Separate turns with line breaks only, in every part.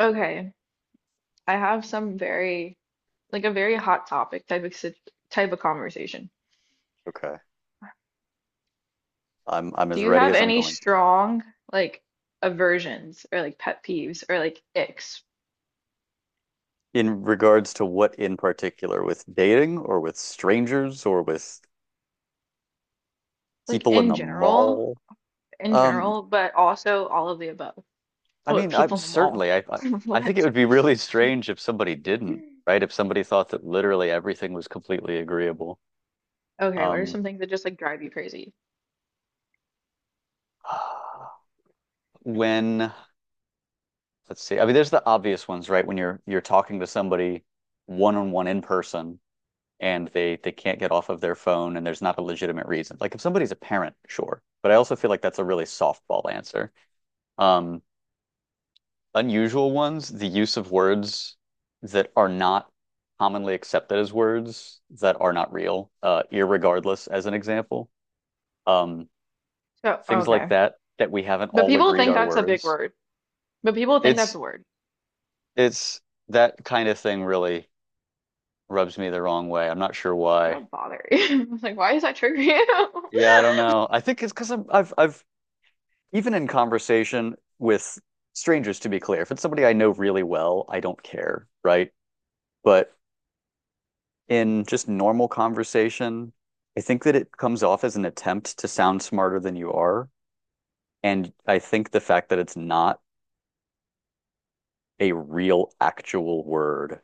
Okay, I have some very a very hot topic type of type of conversation.
Okay. I'm
Do
as
you
ready
have
as I'm
any
going.
strong, like, aversions or like pet peeves or like icks
In regards to what in particular, with dating or with strangers or with
like
people in
in
the
general,
mall?
in
Um,
general, but also all of the above?
I
Oh,
mean, I'm
people in the mall.
certainly I I I think it
What?
would be really strange if somebody didn't, right? If somebody thought that literally everything was completely agreeable.
Okay, what are
Um,
some things that just like drive you crazy?
when let's see. I mean, there's the obvious ones, right? When you're talking to somebody one on one in person and they can't get off of their phone and there's not a legitimate reason. Like if somebody's a parent, sure. But I also feel like that's a really softball answer. Um, unusual ones, the use of words that are not commonly accepted as words that are not real, irregardless as an example. Um,
So
things like
okay,
that that we haven't
but
all
people
agreed
think
are
that's a big
words.
word. But people think
It's
that's a word.
it's that kind of thing really rubs me the wrong way. I'm not sure why.
That bother you. I was like, why does that trigger you?
Yeah, I don't know. I think it's because I've even in conversation with strangers, to be clear, if it's somebody I know really well, I don't care, right? But in just normal conversation, I think that it comes off as an attempt to sound smarter than you are. And I think the fact that it's not a real, actual word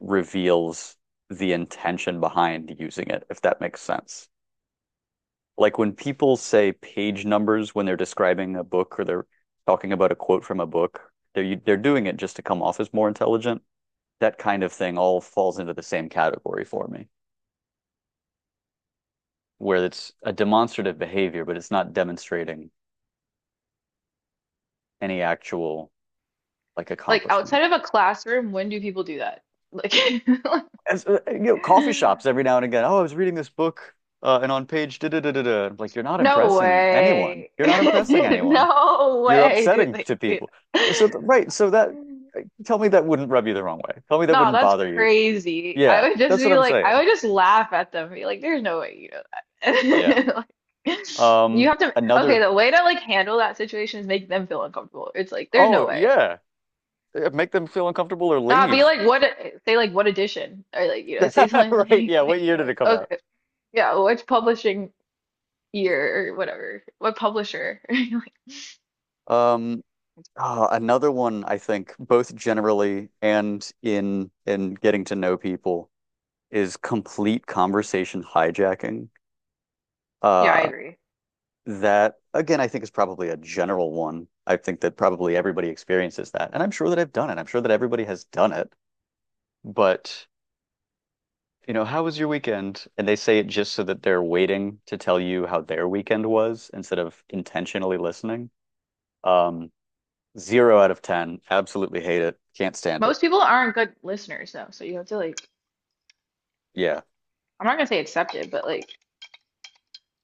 reveals the intention behind using it, if that makes sense. Like when people say page numbers when they're describing a book or they're talking about a quote from a book, they're doing it just to come off as more intelligent. That kind of thing all falls into the same category for me, where it's a demonstrative behavior, but it's not demonstrating any actual like
Like
accomplishment.
outside of a classroom, when do people do that? Like,
As you know, coffee shops every now and again, oh, I was reading this book, and on page da da da da da, like you're not
no
impressing anyone.
way.
You're not impressing anyone.
No
You're
way dude.
upsetting
They
to
do.
people. So right, so that tell me that wouldn't rub you the wrong way. Tell me that
No,
wouldn't
that's
bother you.
crazy.
Yeah,
I would just
that's what
be
I'm
like,
saying.
I would just laugh at them, be like, there's no way you know
Yeah.
that. Like, you
Um,
have to, okay,
another.
the way to like handle that situation is make them feel uncomfortable. It's like, there's no
Oh
way.
yeah, make them feel uncomfortable or
Nah, be
leave.
like, what, say like, what edition? Or like, you know, say something
Right.
like,
Yeah. What year did it
like
come out?
okay, yeah, which publishing year or whatever, what publisher. Like,
Um. Another one I think both generally and in getting to know people is complete conversation hijacking.
yeah, I
Uh,
agree.
that again, I think is probably a general one. I think that probably everybody experiences that, and I'm sure that I've done it. I'm sure that everybody has done it, but you know, how was your weekend, and they say it just so that they're waiting to tell you how their weekend was instead of intentionally listening. um zero out of ten, absolutely hate it, can't stand it.
Most people aren't good listeners though, so you have to like,
Yeah.
I'm not gonna say accepted, but like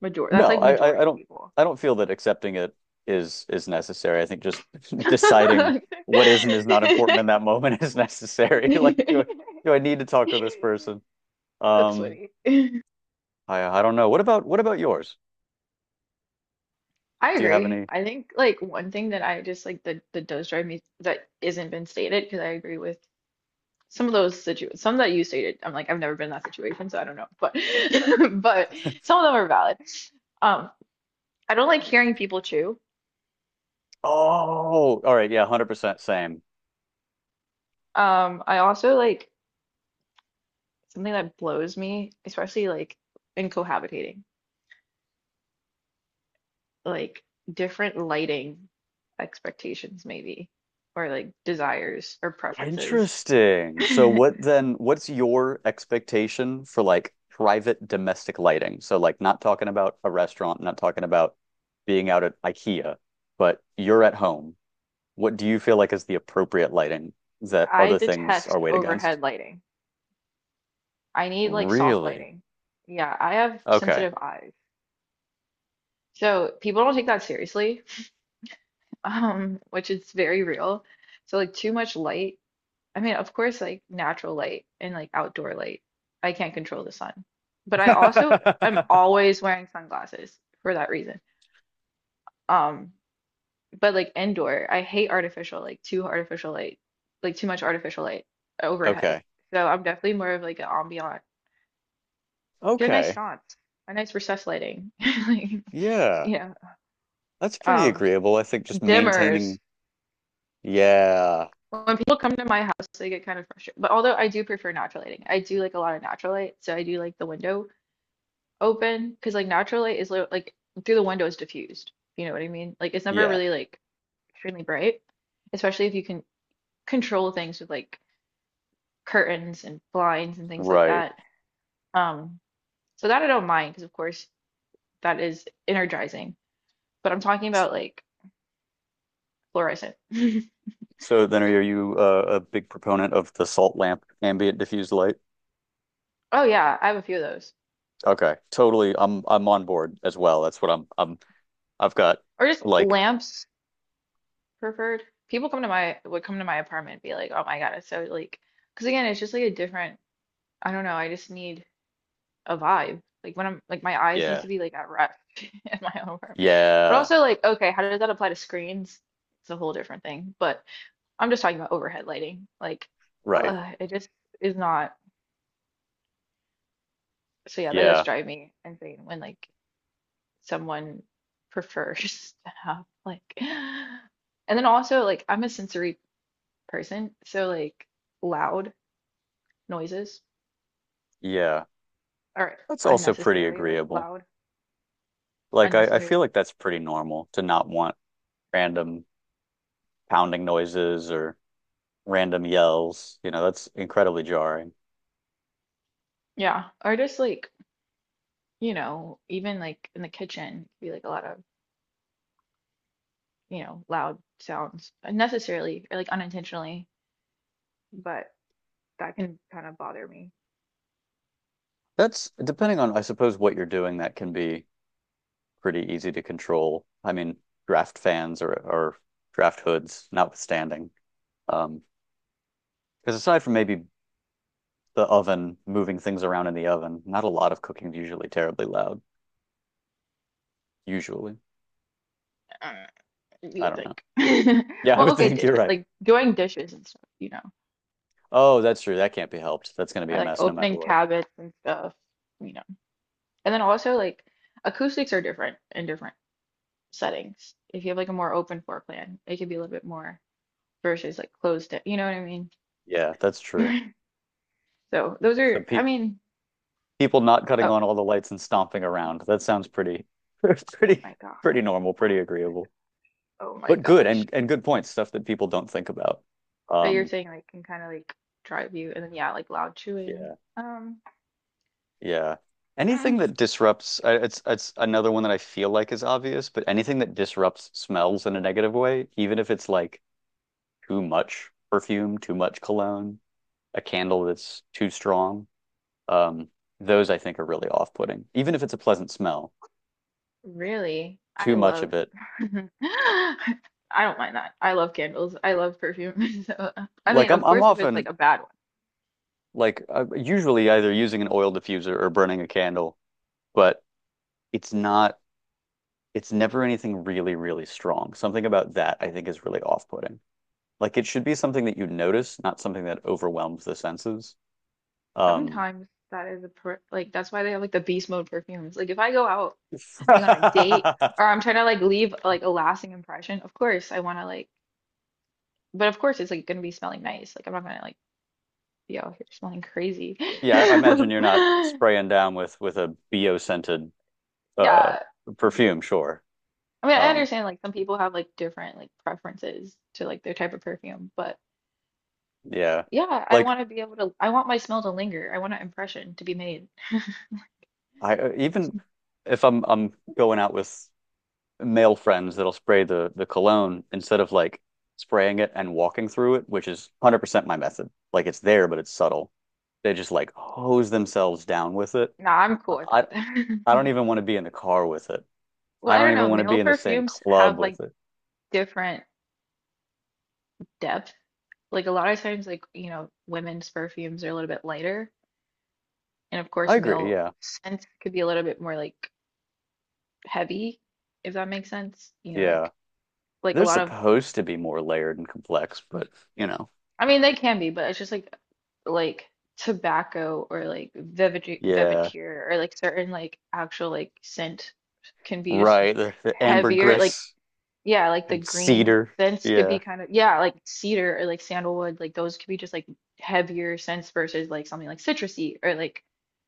major, that's
No,
like
I
majority of
don't,
people.
I don't feel that accepting it is necessary. I think just deciding what is and is not important in that moment is necessary. Like, do I need to talk to this person?
That's
Um,
funny.
I don't know. What about yours?
I
Do you have
agree.
any?
I think like one thing that I just like that does drive me that isn't been stated because I agree with some of those situ some that you stated. I'm like I've never been in that situation, so I don't know, but but some of them are valid. Um. I don't like hearing people chew.
Oh, all right, yeah, 100% same.
I also like something that blows me, especially like in cohabitating, like different lighting expectations maybe, or like desires or preferences.
Interesting. So
I
what then, what's your expectation for like private domestic lighting? So like not talking about a restaurant, not talking about being out at IKEA, but you're at home. What do you feel like is the appropriate lighting that other things are
detest
weighed against?
overhead lighting. I need like soft
Really?
lighting. Yeah, I have
Okay.
sensitive eyes. So people don't take that seriously, which is very real. So like too much light, I mean, of course, like natural light and like outdoor light. I can't control the sun. But I also am always wearing sunglasses for that reason. Um, but like indoor, I hate artificial, like too artificial light, like too much artificial light overhead.
Okay.
So I'm definitely more of like an ambient. Get a nice
Okay.
sconce, a nice recessed lighting. Like,
Yeah.
yeah.
That's pretty
Um,
agreeable. I think just
Dimmers.
maintaining. Yeah.
When people come to my house, they get kind of frustrated. But although I do prefer natural lighting, I do like a lot of natural light. So I do like the window open because like natural light is like through the window is diffused. If you know what I mean? Like it's never
Yeah.
really like extremely bright, especially if you can control things with like curtains and blinds and things like
Right.
that. Um, so that I don't mind because of course that is energizing. But I'm talking about like fluorescent.
So then are you a big proponent of the salt lamp ambient diffused light?
Oh yeah, I have a few of those.
Okay. Totally. I'm on board as well. That's what I'm I've got
Or just
like,
lamps preferred. People come to my would come to my apartment and be like, "Oh my God, it's so like." Because again, it's just like a different. I don't know. I just need a vibe. Like when I'm like my eyes need
yeah.
to be like at rest in my own room. But
Yeah.
also like, okay, how does that apply to screens? It's a whole different thing. But I'm just talking about overhead lighting. Like,
Right.
it just is not. So yeah, that does
Yeah.
drive me insane when like someone prefers to have like. And then also like I'm a sensory person, so like loud noises
Yeah.
are
That's also pretty
unnecessarily like
agreeable.
loud,
Like I feel
unnecessarily.
like that's pretty normal to not want random pounding noises or random yells. You know, that's incredibly jarring.
Yeah, or just like you know, even like in the kitchen, be like a lot of, you know, loud sounds unnecessarily or like unintentionally, but that can kind of bother me.
That's depending on, I suppose, what you're doing, that can be pretty easy to control. I mean, draft fans or draft hoods, notwithstanding. Um, because aside from maybe the oven, moving things around in the oven, not a lot of cooking is usually terribly loud. Usually.
Uh, you
I
would
don't know.
think.
Yeah, I
Well,
would
okay,
think you're
dishes,
right.
like doing dishes and stuff, you know,
Oh, that's true. That can't be helped. That's going to be
or
a
like
mess no matter
opening
what.
cabinets and stuff, you know. And then also like acoustics are different in different settings. If you have like a more open floor plan, it could be a little bit more versus like closed, you know what I
Yeah, that's true.
mean? So those
So
are, I
pe
mean,
people not cutting
oh,
on all the lights and stomping around. That sounds pretty,
oh
pretty,
my God.
pretty normal, pretty agreeable,
Oh my
but good
gosh.
and good points, stuff that people don't think about.
But you're
Um,
saying like can kind of like drive you, and then yeah, like loud chewing.
yeah, yeah.
Mm,
Anything that disrupts, it's another one that I feel like is obvious, but anything that disrupts smells in a negative way, even if it's like too much perfume, too much cologne, a candle that's too strong, um, those I think are really off-putting. Even if it's a pleasant smell,
really, I
too much
love.
of it.
I don't mind that. I love candles. I love perfume. So I
Like
mean,
I'm
of
I'm
course, if it's like
often
a bad one,
like usually either using an oil diffuser or burning a candle, but it's not, it's never anything really, really strong. Something about that I think is really off-putting. Like it should be something that you notice, not something that overwhelms the senses. Um,
sometimes that is a per like that's why they have like the beast mode perfumes. Like if I go out like on a date
yeah,
or I'm trying to like leave like a lasting impression, of course I want to like, but of course it's like gonna be smelling nice. Like I'm not gonna like be out here smelling crazy.
I imagine you're not spraying down with a bio scented uh
Yeah.
perfume, sure.
I mean, I
Um,
understand like some people have like different like preferences to like their type of perfume, but
yeah,
yeah, I
like
want to be able to I want my smell to linger. I want an impression to be made.
I even if I'm going out with male friends that'll spray the cologne instead of like spraying it and walking through it, which is 100% my method. Like it's there, but it's subtle. They just like hose themselves down with it.
No, I'm cool with
I I don't
that.
even want to be in the car with it.
Well,
I
I
don't
don't
even
know.
want to be
Male
in the same
perfumes
club
have like
with it.
different depth. Like a lot of times like, you know, women's perfumes are a little bit lighter, and of
I
course
agree,
male
yeah.
scents could be a little bit more like heavy, if that makes sense. You know,
Yeah.
like a
They're
lot of
supposed to be more layered and complex, but you know.
I mean, they can be, but it's just like tobacco or like velvet
Yeah.
velvetier or like certain like actual like scent can be just
Right. The
heavier. Like
ambergris
yeah, like the
and
green
cedar.
scents could
Yeah.
be kind of yeah, like cedar or like sandalwood, like those could be just like heavier scents versus like something like citrusy or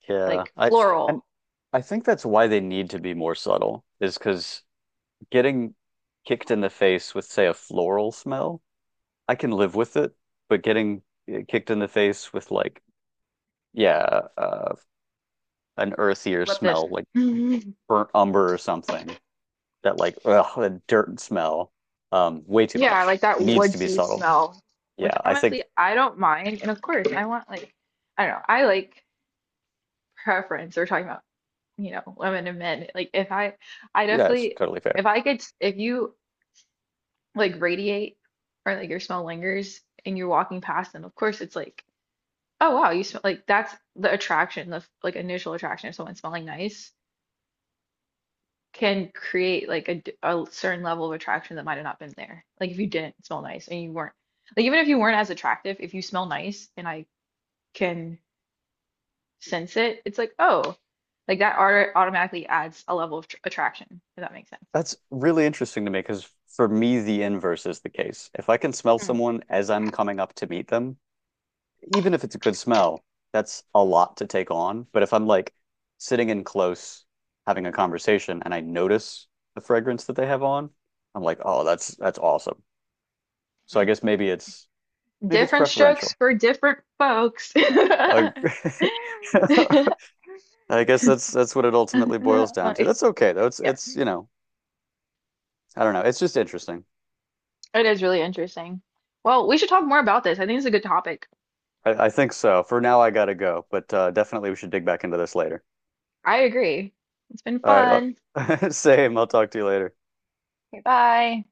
Yeah,
like
and
floral.
I think that's why they need to be more subtle, is because getting kicked in the face with, say, a floral smell, I can live with it, but getting kicked in the face with like, yeah, an earthier
Love this.
smell like
Mhm.
burnt umber or something that like, ugh, a dirt smell, way too
Yeah,
much.
like that
Needs to be
woodsy
subtle.
smell, which
Yeah, I think
honestly I don't mind. And of course, I want like I don't know, I like preference. We're talking about you know, women and men. Like if I I
that's
definitely
totally fair.
if I could if you like radiate or like your smell lingers and you're walking past them, of course it's like, oh wow, you smell like that's the attraction, the like initial attraction of someone smelling nice can create like a, a certain level of attraction that might have not been there. Like if you didn't smell nice and you weren't like even if you weren't as attractive, if you smell nice and I can sense it, it's like, oh, like that art automatically adds a level of tr attraction, if that makes
That's really interesting to me because for me, the inverse is the case. If I can smell
sense.
someone as I'm coming up to meet them, even if it's a good smell, that's a lot to take on. But if I'm like sitting in close, having a conversation, and I notice the fragrance that they have on, I'm like, oh, that's awesome. So I guess maybe it's
Different
preferential.
strokes for different folks.
Uh, I guess that's what it ultimately boils down to. That's okay though.
Yeah,
It's you know I don't know. It's just interesting.
it is really interesting. Well, we should talk more about this. I think it's a good topic.
I think so. For now, I gotta go, but definitely we should dig back into this later.
I agree. It's been
All right,
fun.
well, same. I'll talk to you later.
Okay, bye.